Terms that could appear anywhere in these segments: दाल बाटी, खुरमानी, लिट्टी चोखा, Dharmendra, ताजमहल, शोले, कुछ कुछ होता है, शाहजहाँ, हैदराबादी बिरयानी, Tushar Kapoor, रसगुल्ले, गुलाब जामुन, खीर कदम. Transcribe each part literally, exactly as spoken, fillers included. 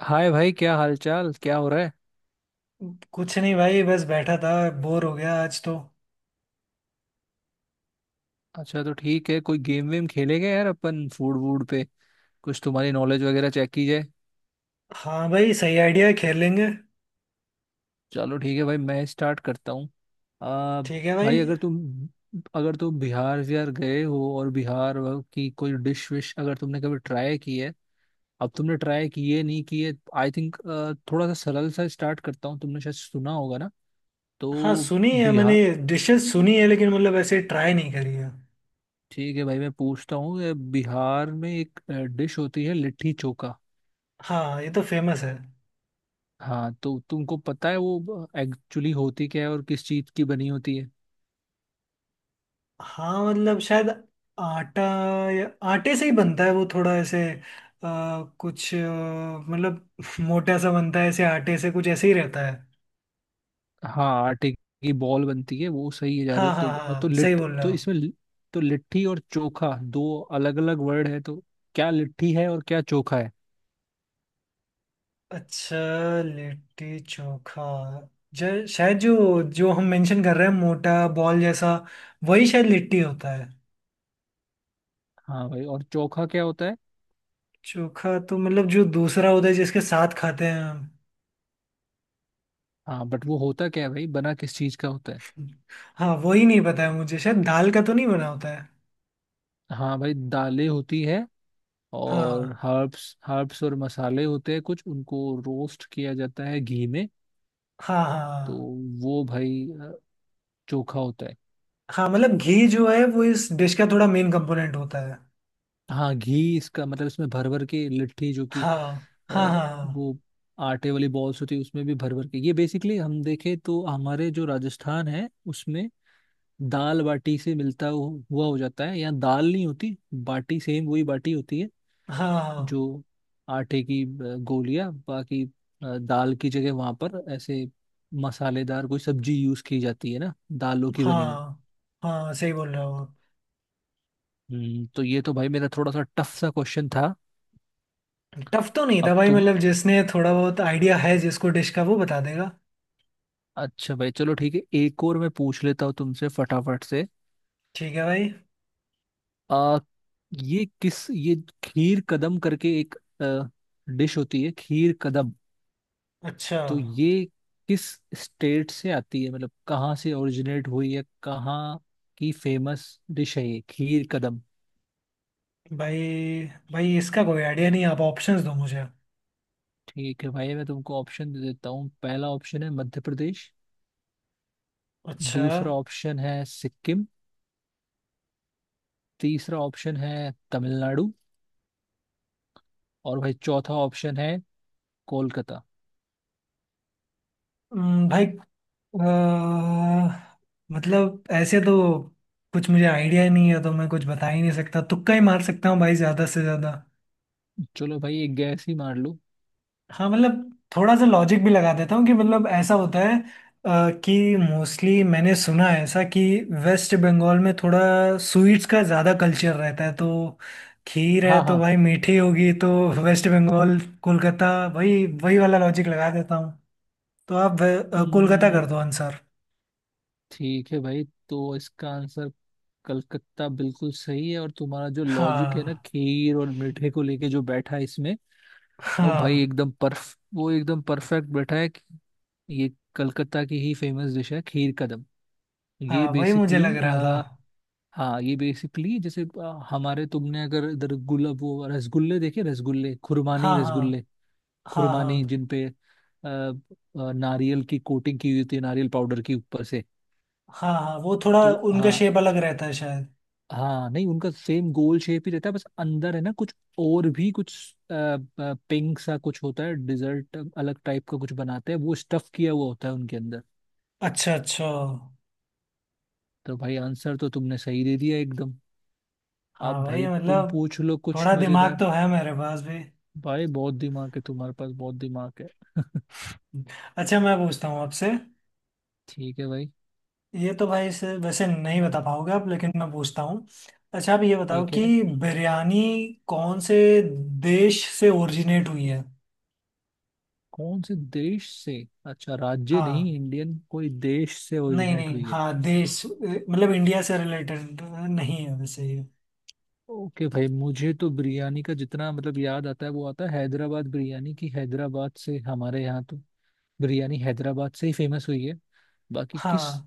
हाय भाई, क्या हाल चाल, क्या हो रहा है। कुछ नहीं भाई बस बैठा था। बोर हो गया आज तो। अच्छा, तो ठीक है, कोई गेम वेम खेलेंगे यार अपन फूड वूड पे, कुछ तुम्हारी नॉलेज वगैरह चेक की जाए। हाँ भाई सही आइडिया, खेल लेंगे। चलो ठीक है भाई, मैं स्टार्ट करता हूँ। आ, ठीक है भाई भाई। अगर तुम अगर तुम बिहार विहार गए हो, और बिहार व- की कोई डिश विश अगर तुमने कभी ट्राई की है। अब तुमने ट्राई किए नहीं किए, आई थिंक थोड़ा सा सरल सा स्टार्ट करता हूँ, तुमने शायद सुना होगा ना। हाँ तो सुनी है मैंने। बिहार, डिशेस सुनी है, लेकिन मतलब ऐसे ट्राई नहीं करी है। ठीक है भाई मैं पूछता हूँ, ये बिहार में एक डिश होती है लिट्टी चोखा। हाँ ये तो फेमस है। हाँ, तो तुमको पता है वो एक्चुअली होती क्या है और किस चीज की बनी होती है। हाँ मतलब शायद आटा या आटे से ही बनता है वो, थोड़ा ऐसे आ, कुछ अ, मतलब मोटा सा बनता है ऐसे आटे से, कुछ ऐसे ही रहता है। हाँ, आटे की बॉल बनती है वो सही है, जा रहे हाँ हो, हाँ तो और तो हाँ सही लिट बोल रहे तो हो। इसमें लि- तो लिट्टी और चोखा दो अलग अलग वर्ड है, तो क्या लिट्टी है और क्या चोखा है। अच्छा। लिट्टी चोखा, जो शायद जो जो हम मेंशन कर रहे हैं, मोटा बॉल जैसा, वही शायद लिट्टी होता है। हाँ भाई, और चोखा क्या होता है। चोखा तो मतलब जो दूसरा होता है जिसके साथ खाते हैं हम। हाँ बट वो होता क्या है भाई, बना किस चीज का होता है। हाँ वही नहीं पता है मुझे, शायद दाल का तो नहीं बना होता है। हाँ भाई, दालें होती है और हाँ। हर्ब्स हर्ब्स और मसाले होते हैं कुछ, उनको रोस्ट किया जाता है घी में। हाँ तो हाँ वो भाई, अ, चोखा होता है। हाँ मतलब घी जो है वो इस डिश का थोड़ा मेन कंपोनेंट होता है। हाँ, घी इसका मतलब इसमें भर भर के लिट्टी, जो कि हाँ हाँ अ, हाँ वो आटे वाली बॉल्स होती है, उसमें भी भर भर के, ये बेसिकली हम देखें तो हमारे जो राजस्थान है उसमें दाल बाटी से मिलता हु- हुआ हो जाता है। यहाँ दाल नहीं होती, बाटी सेम वही बाटी होती है, हाँ। जो आटे की अ, गोलियां। बाकी अ, दाल की जगह वहां पर ऐसे मसालेदार कोई सब्जी यूज की जाती है ना, दालों की हाँ बनी हुई। हाँ हाँ सही बोल रहे हो आप। हम्म, तो ये तो भाई मेरा थोड़ा सा टफ सा क्वेश्चन था। टफ तो नहीं अब था भाई, तुम मतलब जिसने थोड़ा बहुत आइडिया है जिसको डिश का, वो बता देगा। अच्छा भाई, चलो ठीक है, एक और मैं पूछ लेता हूँ तुमसे फटाफट से। ठीक है भाई। आ, ये किस ये खीर कदम करके एक डिश होती है खीर कदम। अच्छा। तो ये किस स्टेट से आती है, मतलब कहाँ से ओरिजिनेट हुई है, कहाँ की फेमस डिश है ये खीर कदम। भाई, भाई इसका कोई आइडिया नहीं, आप ऑप्शंस दो मुझे। ठीक है भाई, मैं तुमको ऑप्शन दे देता हूँ। पहला ऑप्शन है मध्य प्रदेश, अच्छा। दूसरा ऑप्शन है सिक्किम, तीसरा ऑप्शन है तमिलनाडु, और भाई चौथा ऑप्शन है कोलकाता। हम्म, भाई, अ, मतलब ऐसे तो कुछ मुझे आइडिया नहीं है, तो मैं कुछ बता ही नहीं सकता, तुक्का ही मार सकता हूँ भाई ज़्यादा से ज़्यादा। चलो भाई, एक गैस ही मार लूँ। हाँ मतलब थोड़ा सा लॉजिक भी लगा देता हूँ कि मतलब ऐसा होता है अ, कि मोस्टली मैंने सुना है ऐसा कि वेस्ट बंगाल में थोड़ा स्वीट्स का ज़्यादा कल्चर रहता है, तो खीर है हाँ तो हाँ। भाई मीठी होगी तो। वेस्ट बंगाल, कोलकाता, वही वही वाला लॉजिक लगा देता हूँ। तो आप वे- अ, कोलकाता हम्म, कर दो आंसर। ठीक है भाई, तो इसका आंसर कलकत्ता बिल्कुल सही है। और तुम्हारा जो लॉजिक है ना, हाँ खीर और मीठे को लेके जो बैठा है इसमें, और भाई हाँ एकदम परफ वो एकदम परफेक्ट बैठा है कि ये कलकत्ता की ही फेमस डिश है खीर कदम। ये हाँ वही मुझे लग बेसिकली रहा था। आ, हाँ ये बेसिकली जैसे आ, हमारे, तुमने अगर इधर गुलाब वो रसगुल्ले देखे, रसगुल्ले खुरमानी, हाँ हाँ रसगुल्ले हाँ हाँ खुरमानी जिन पे अ, अ, नारियल की कोटिंग की हुई होती है, नारियल पाउडर की ऊपर से। हाँ हाँ वो थोड़ा तो उनका हाँ, शेप अलग रहता है शायद। हाँ नहीं उनका सेम गोल शेप ही रहता है, बस अंदर है ना कुछ, और भी कुछ पिंक सा कुछ होता है, डिजर्ट अलग टाइप का कुछ बनाते हैं, वो स्टफ किया हुआ होता है उनके अंदर। अच्छा अच्छा। तो भाई आंसर तो तुमने सही दे दिया एकदम। हाँ अब भाई भाई, तुम मतलब। पूछ लो कुछ थोड़ा दिमाग मजेदार। तो है मेरे पास भी। भाई बहुत दिमाग है तुम्हारे पास, बहुत दिमाग है अच्छा मैं पूछता हूँ आपसे। ठीक है भाई। ये तो भाई से वैसे नहीं बता पाओगे आप, लेकिन मैं पूछता हूँ। अच्छा आप ये बताओ ठीक कि है, बिरयानी कौन से देश से ओरिजिनेट हुई है। कौन से देश से? अच्छा, राज्य नहीं, हाँ। इंडियन कोई देश से नहीं ओरिजिनेट नहीं हुई है। हाँ, देश, अ, मतलब इंडिया से रिलेटेड नहीं है वैसे ये। ओके भाई, मुझे तो बिरयानी का जितना मतलब याद आता है वो आता है हैदराबाद बिरयानी की, हैदराबाद से हमारे यहाँ तो बिरयानी हैदराबाद से ही फेमस हुई है। बाकी किस हाँ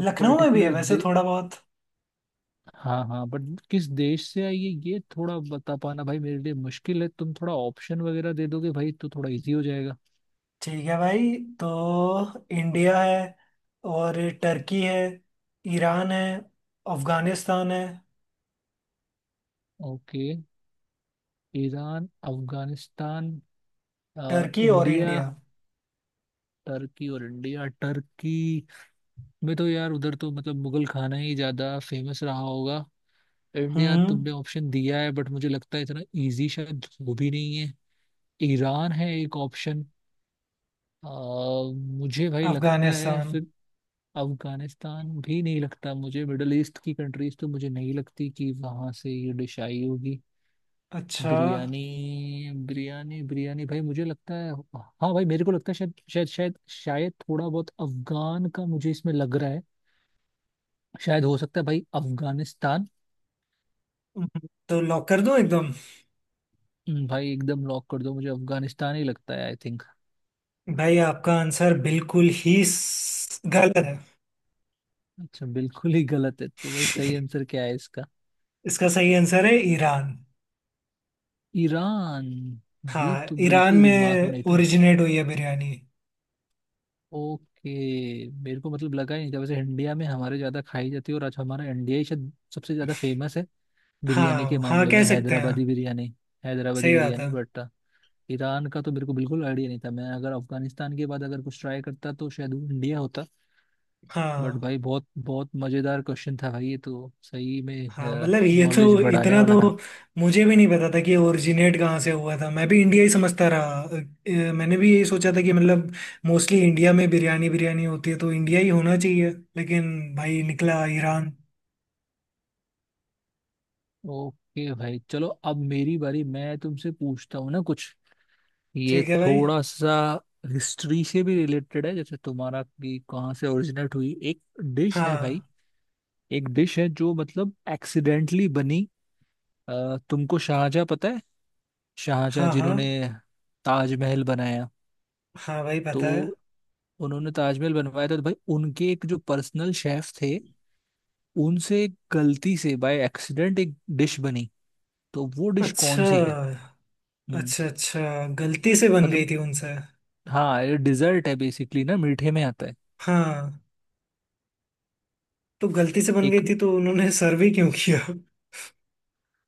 लखनऊ में भी है वैसे दे, थोड़ा बहुत। हाँ हाँ, बट किस देश से आई है ये थोड़ा बता पाना भाई मेरे लिए मुश्किल है। तुम थोड़ा ऑप्शन वगैरह दे दोगे भाई, तो थोड़ा इजी हो जाएगा। ठीक है भाई, तो इंडिया है, और टर्की है, ईरान है, अफगानिस्तान है। ओके, ईरान, अफगानिस्तान, अ, टर्की और इंडिया, इंडिया। टर्की और इंडिया। टर्की में तो यार उधर तो मतलब मुगल खाना ही ज्यादा फेमस रहा होगा। इंडिया हम्म। तुमने ऑप्शन दिया है, बट मुझे लगता है इतना इजी शायद वो भी नहीं है। ईरान है एक ऑप्शन। आ, मुझे भाई लगता है अफगानिस्तान। फिर अफगानिस्तान भी नहीं लगता, मुझे मिडल ईस्ट की कंट्रीज तो मुझे नहीं लगती कि वहां से ये डिश आई होगी। अच्छा। बिरयानी बिरयानी बिरयानी, भाई मुझे लगता है, हाँ भाई मेरे को लगता है शायद शायद शायद शायद थोड़ा बहुत अफगान का मुझे इसमें लग रहा है। शायद हो सकता है भाई अफगानिस्तान। हम्म, तो लॉक कर दूं एकदम? हम्म, भाई एकदम लॉक कर दो, मुझे अफगानिस्तान ही लगता है आई थिंक। भाई आपका आंसर बिल्कुल ही स- गलत है। अच्छा बिल्कुल ही गलत है, तो भाई सही आंसर क्या है इसका? इसका सही आंसर है ईरान। ईरान? ये हाँ तो ईरान बिल्कुल दिमाग में में नहीं था। ओरिजिनेट हुई है बिरयानी। ओके, मेरे को मतलब लगा ही नहीं था, वैसे इंडिया में हमारे ज्यादा खाई जाती है और आज हमारा इंडिया ही शायद सबसे ज्यादा फेमस है बिरयानी के हाँ हाँ मामले में, कह सकते हैं। हैदराबादी बिरयानी, हैदराबादी सही बात बिरयानी। है। बट ईरान का तो मेरे को बिल्कुल आइडिया नहीं था। मैं अगर अफगानिस्तान के बाद अगर कुछ ट्राई करता तो शायद वो इंडिया होता। बट हाँ। भाई बहुत बहुत मजेदार क्वेश्चन था भाई ये तो, सही में हाँ मतलब ये तो नॉलेज बढ़ाने इतना वाला तो। था। मुझे भी नहीं पता था कि ओरिजिनेट कहाँ से हुआ था, मैं भी इंडिया ही समझता रहा। अ, अ, मैंने भी यही सोचा था कि मतलब मोस्टली इंडिया में बिरयानी बिरयानी होती है तो इंडिया ही होना चाहिए, लेकिन भाई निकला ईरान। ओके भाई, चलो अब मेरी बारी, मैं तुमसे पूछता हूँ ना कुछ। ये ठीक है भाई। थोड़ा सा हिस्ट्री से भी रिलेटेड है जैसे तुम्हारा, कि कहाँ से ओरिजिनेट हुई एक डिश है भाई। हाँ। एक डिश है जो मतलब एक्सीडेंटली बनी। अ, तुमको शाहजहाँ पता है, शाहजहाँ हाँ हाँ जिन्होंने ताजमहल बनाया। हाँ भाई तो पता है। उन्होंने ताजमहल बनवाया था, तो भाई उनके एक जो पर्सनल शेफ थे, उनसे गलती से बाय एक्सीडेंट एक डिश बनी। तो वो डिश कौन अच्छा सी है। हम्म। अच्छा। अच्छा गलती से बन मतलब गई थी उनसे। हाँ, ये डिजर्ट है बेसिकली ना, मीठे में आता है। हाँ। तो गलती से बन गई एक थी तो उन्होंने सर्व ही क्यों किया?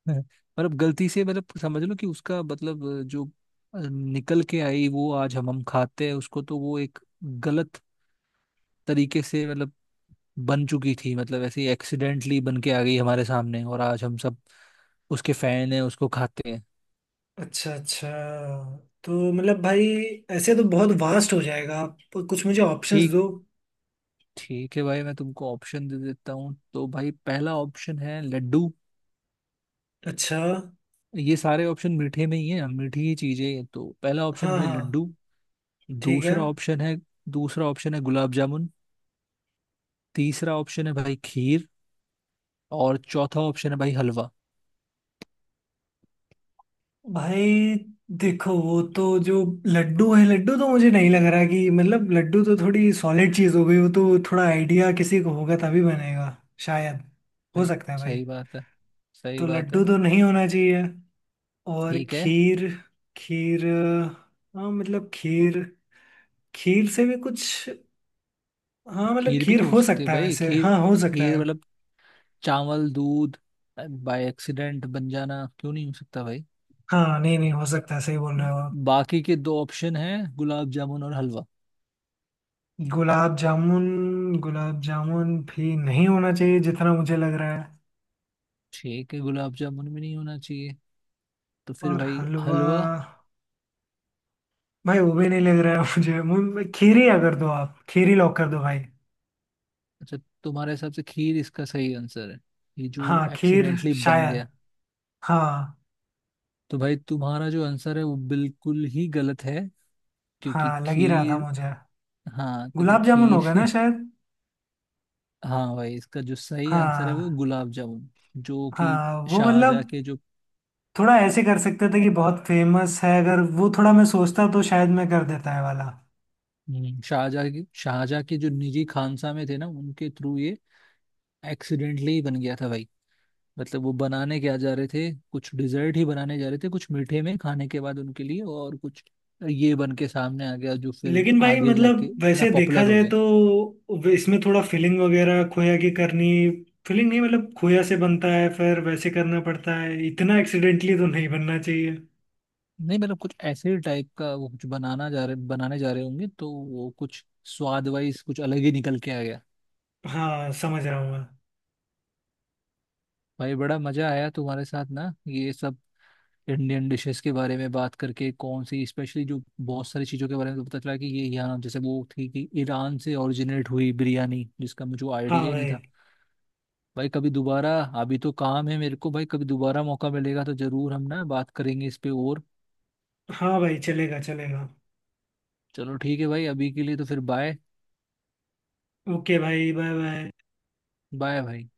मतलब गलती से, मतलब समझ लो कि उसका मतलब जो अ, निकल के आई वो आज हम हम खाते हैं उसको, तो वो एक गलत तरीके से मतलब बन चुकी थी, मतलब ऐसे ही एक्सीडेंटली बन के आ गई हमारे सामने, और आज हम सब उसके फैन हैं, उसको खाते हैं। अच्छा अच्छा। तो मतलब भाई ऐसे तो बहुत वास्ट हो जाएगा आप, कुछ मुझे ऑप्शंस ठीक दो। ठीक है भाई, मैं तुमको ऑप्शन दे देता हूँ। तो भाई पहला ऑप्शन है लड्डू। अच्छा। ये सारे ऑप्शन मीठे में ही हैं, मीठी ही चीजें हैं। तो पहला ऑप्शन हाँ है भाई हाँ लड्डू, ठीक है दूसरा ऑप्शन है दूसरा ऑप्शन है गुलाब जामुन, तीसरा ऑप्शन है भाई खीर, और चौथा ऑप्शन है भाई हलवा। भाई। देखो वो तो जो लड्डू है, लड्डू तो मुझे नहीं लग रहा कि, मतलब लड्डू तो थोड़ी सॉलिड चीज हो गई, वो तो थोड़ा आइडिया किसी को होगा तभी बनेगा शायद। हो सही, सकता है भाई। सही बात है, सही तो बात लड्डू है। तो नहीं होना चाहिए। और ठीक है। खीर। खीर, अ, हाँ मतलब खीर, खीर से भी कुछ, हाँ मतलब खीर भी खीर तो हो हो सकती है सकता है भाई। वैसे, खीर, हाँ हो सकता खीर है। मतलब चावल दूध, बाय एक्सीडेंट बन जाना क्यों नहीं हो सकता भाई। हाँ। नहीं नहीं हो सकता है, सही बोल रहे हो आप। बाकी के दो ऑप्शन हैं गुलाब जामुन और हलवा। गुलाब जामुन। गुलाब जामुन भी नहीं होना चाहिए जितना मुझे लग रहा है। ठीक है गुलाब जामुन भी नहीं होना चाहिए, तो फिर और भाई हलवा, हलवा। भाई वो भी नहीं लग रहा है मुझे। मुझे खीर ही, अगर दो आप, खीर ही लॉक कर दो भाई। अच्छा, तुम्हारे हिसाब से खीर इसका सही आंसर है, ये जो हाँ खीर एक्सीडेंटली बन शायद। गया। हाँ। तो भाई तुम्हारा जो आंसर है वो बिल्कुल ही गलत है, क्योंकि हाँ लग ही रहा था खीर, मुझे। हाँ क्योंकि गुलाब जामुन होगा ना खीर, शायद। हाँ भाई, इसका जो सही आंसर है वो है हाँ। गुलाब जामुन, जो कि हाँ वो मतलब शाहजहाँ के जो, थोड़ा ऐसे कर सकते थे कि बहुत फेमस है, अगर वो थोड़ा मैं सोचता तो शायद मैं कर देता है वाला। हम्म, शाहजहाँ के शाहजहाँ के जो निजी खानसा में थे ना, उनके थ्रू ये एक्सीडेंटली बन गया था भाई। मतलब वो बनाने क्या जा रहे थे कुछ डिजर्ट ही बनाने जा रहे थे कुछ मीठे में खाने के बाद उनके लिए, और कुछ ये बन के सामने आ गया, जो फिर लेकिन भाई आगे जाके मतलब ना वैसे देखा पॉपुलर हो जाए गया। तो वे- इसमें थोड़ा फिलिंग वगैरह, खोया की करनी। फिलिंग नहीं, मतलब खोया से बनता है फिर वैसे, करना पड़ता है इतना, एक्सीडेंटली तो नहीं बनना चाहिए। नहीं मतलब कुछ ऐसे टाइप का वो कुछ बनाना जा रहे बनाने जा रहे होंगे, तो वो कुछ स्वाद वाइज कुछ अलग ही निकल के आ गया। हाँ समझ रहा हूँ मैं। भाई बड़ा मजा आया तुम्हारे साथ ना, ये सब इंडियन डिशेस के बारे में बात करके कौन सी स्पेशली, जो बहुत सारी चीज़ों के बारे में तो पता चला, कि ये यहाँ जैसे वो थी कि ईरान से ओरिजिनेट हुई बिरयानी, जिसका मुझे हाँ आइडिया ही नहीं भाई। था। भाई कभी दोबारा, अभी तो काम है मेरे को भाई, कभी दोबारा मौका मिलेगा तो जरूर हम ना बात करेंगे इस पे और। हाँ भाई चलेगा चलेगा। चलो ठीक है भाई, अभी के लिए तो फिर बाय। ओके भाई, बाय बाय। बाय भाई।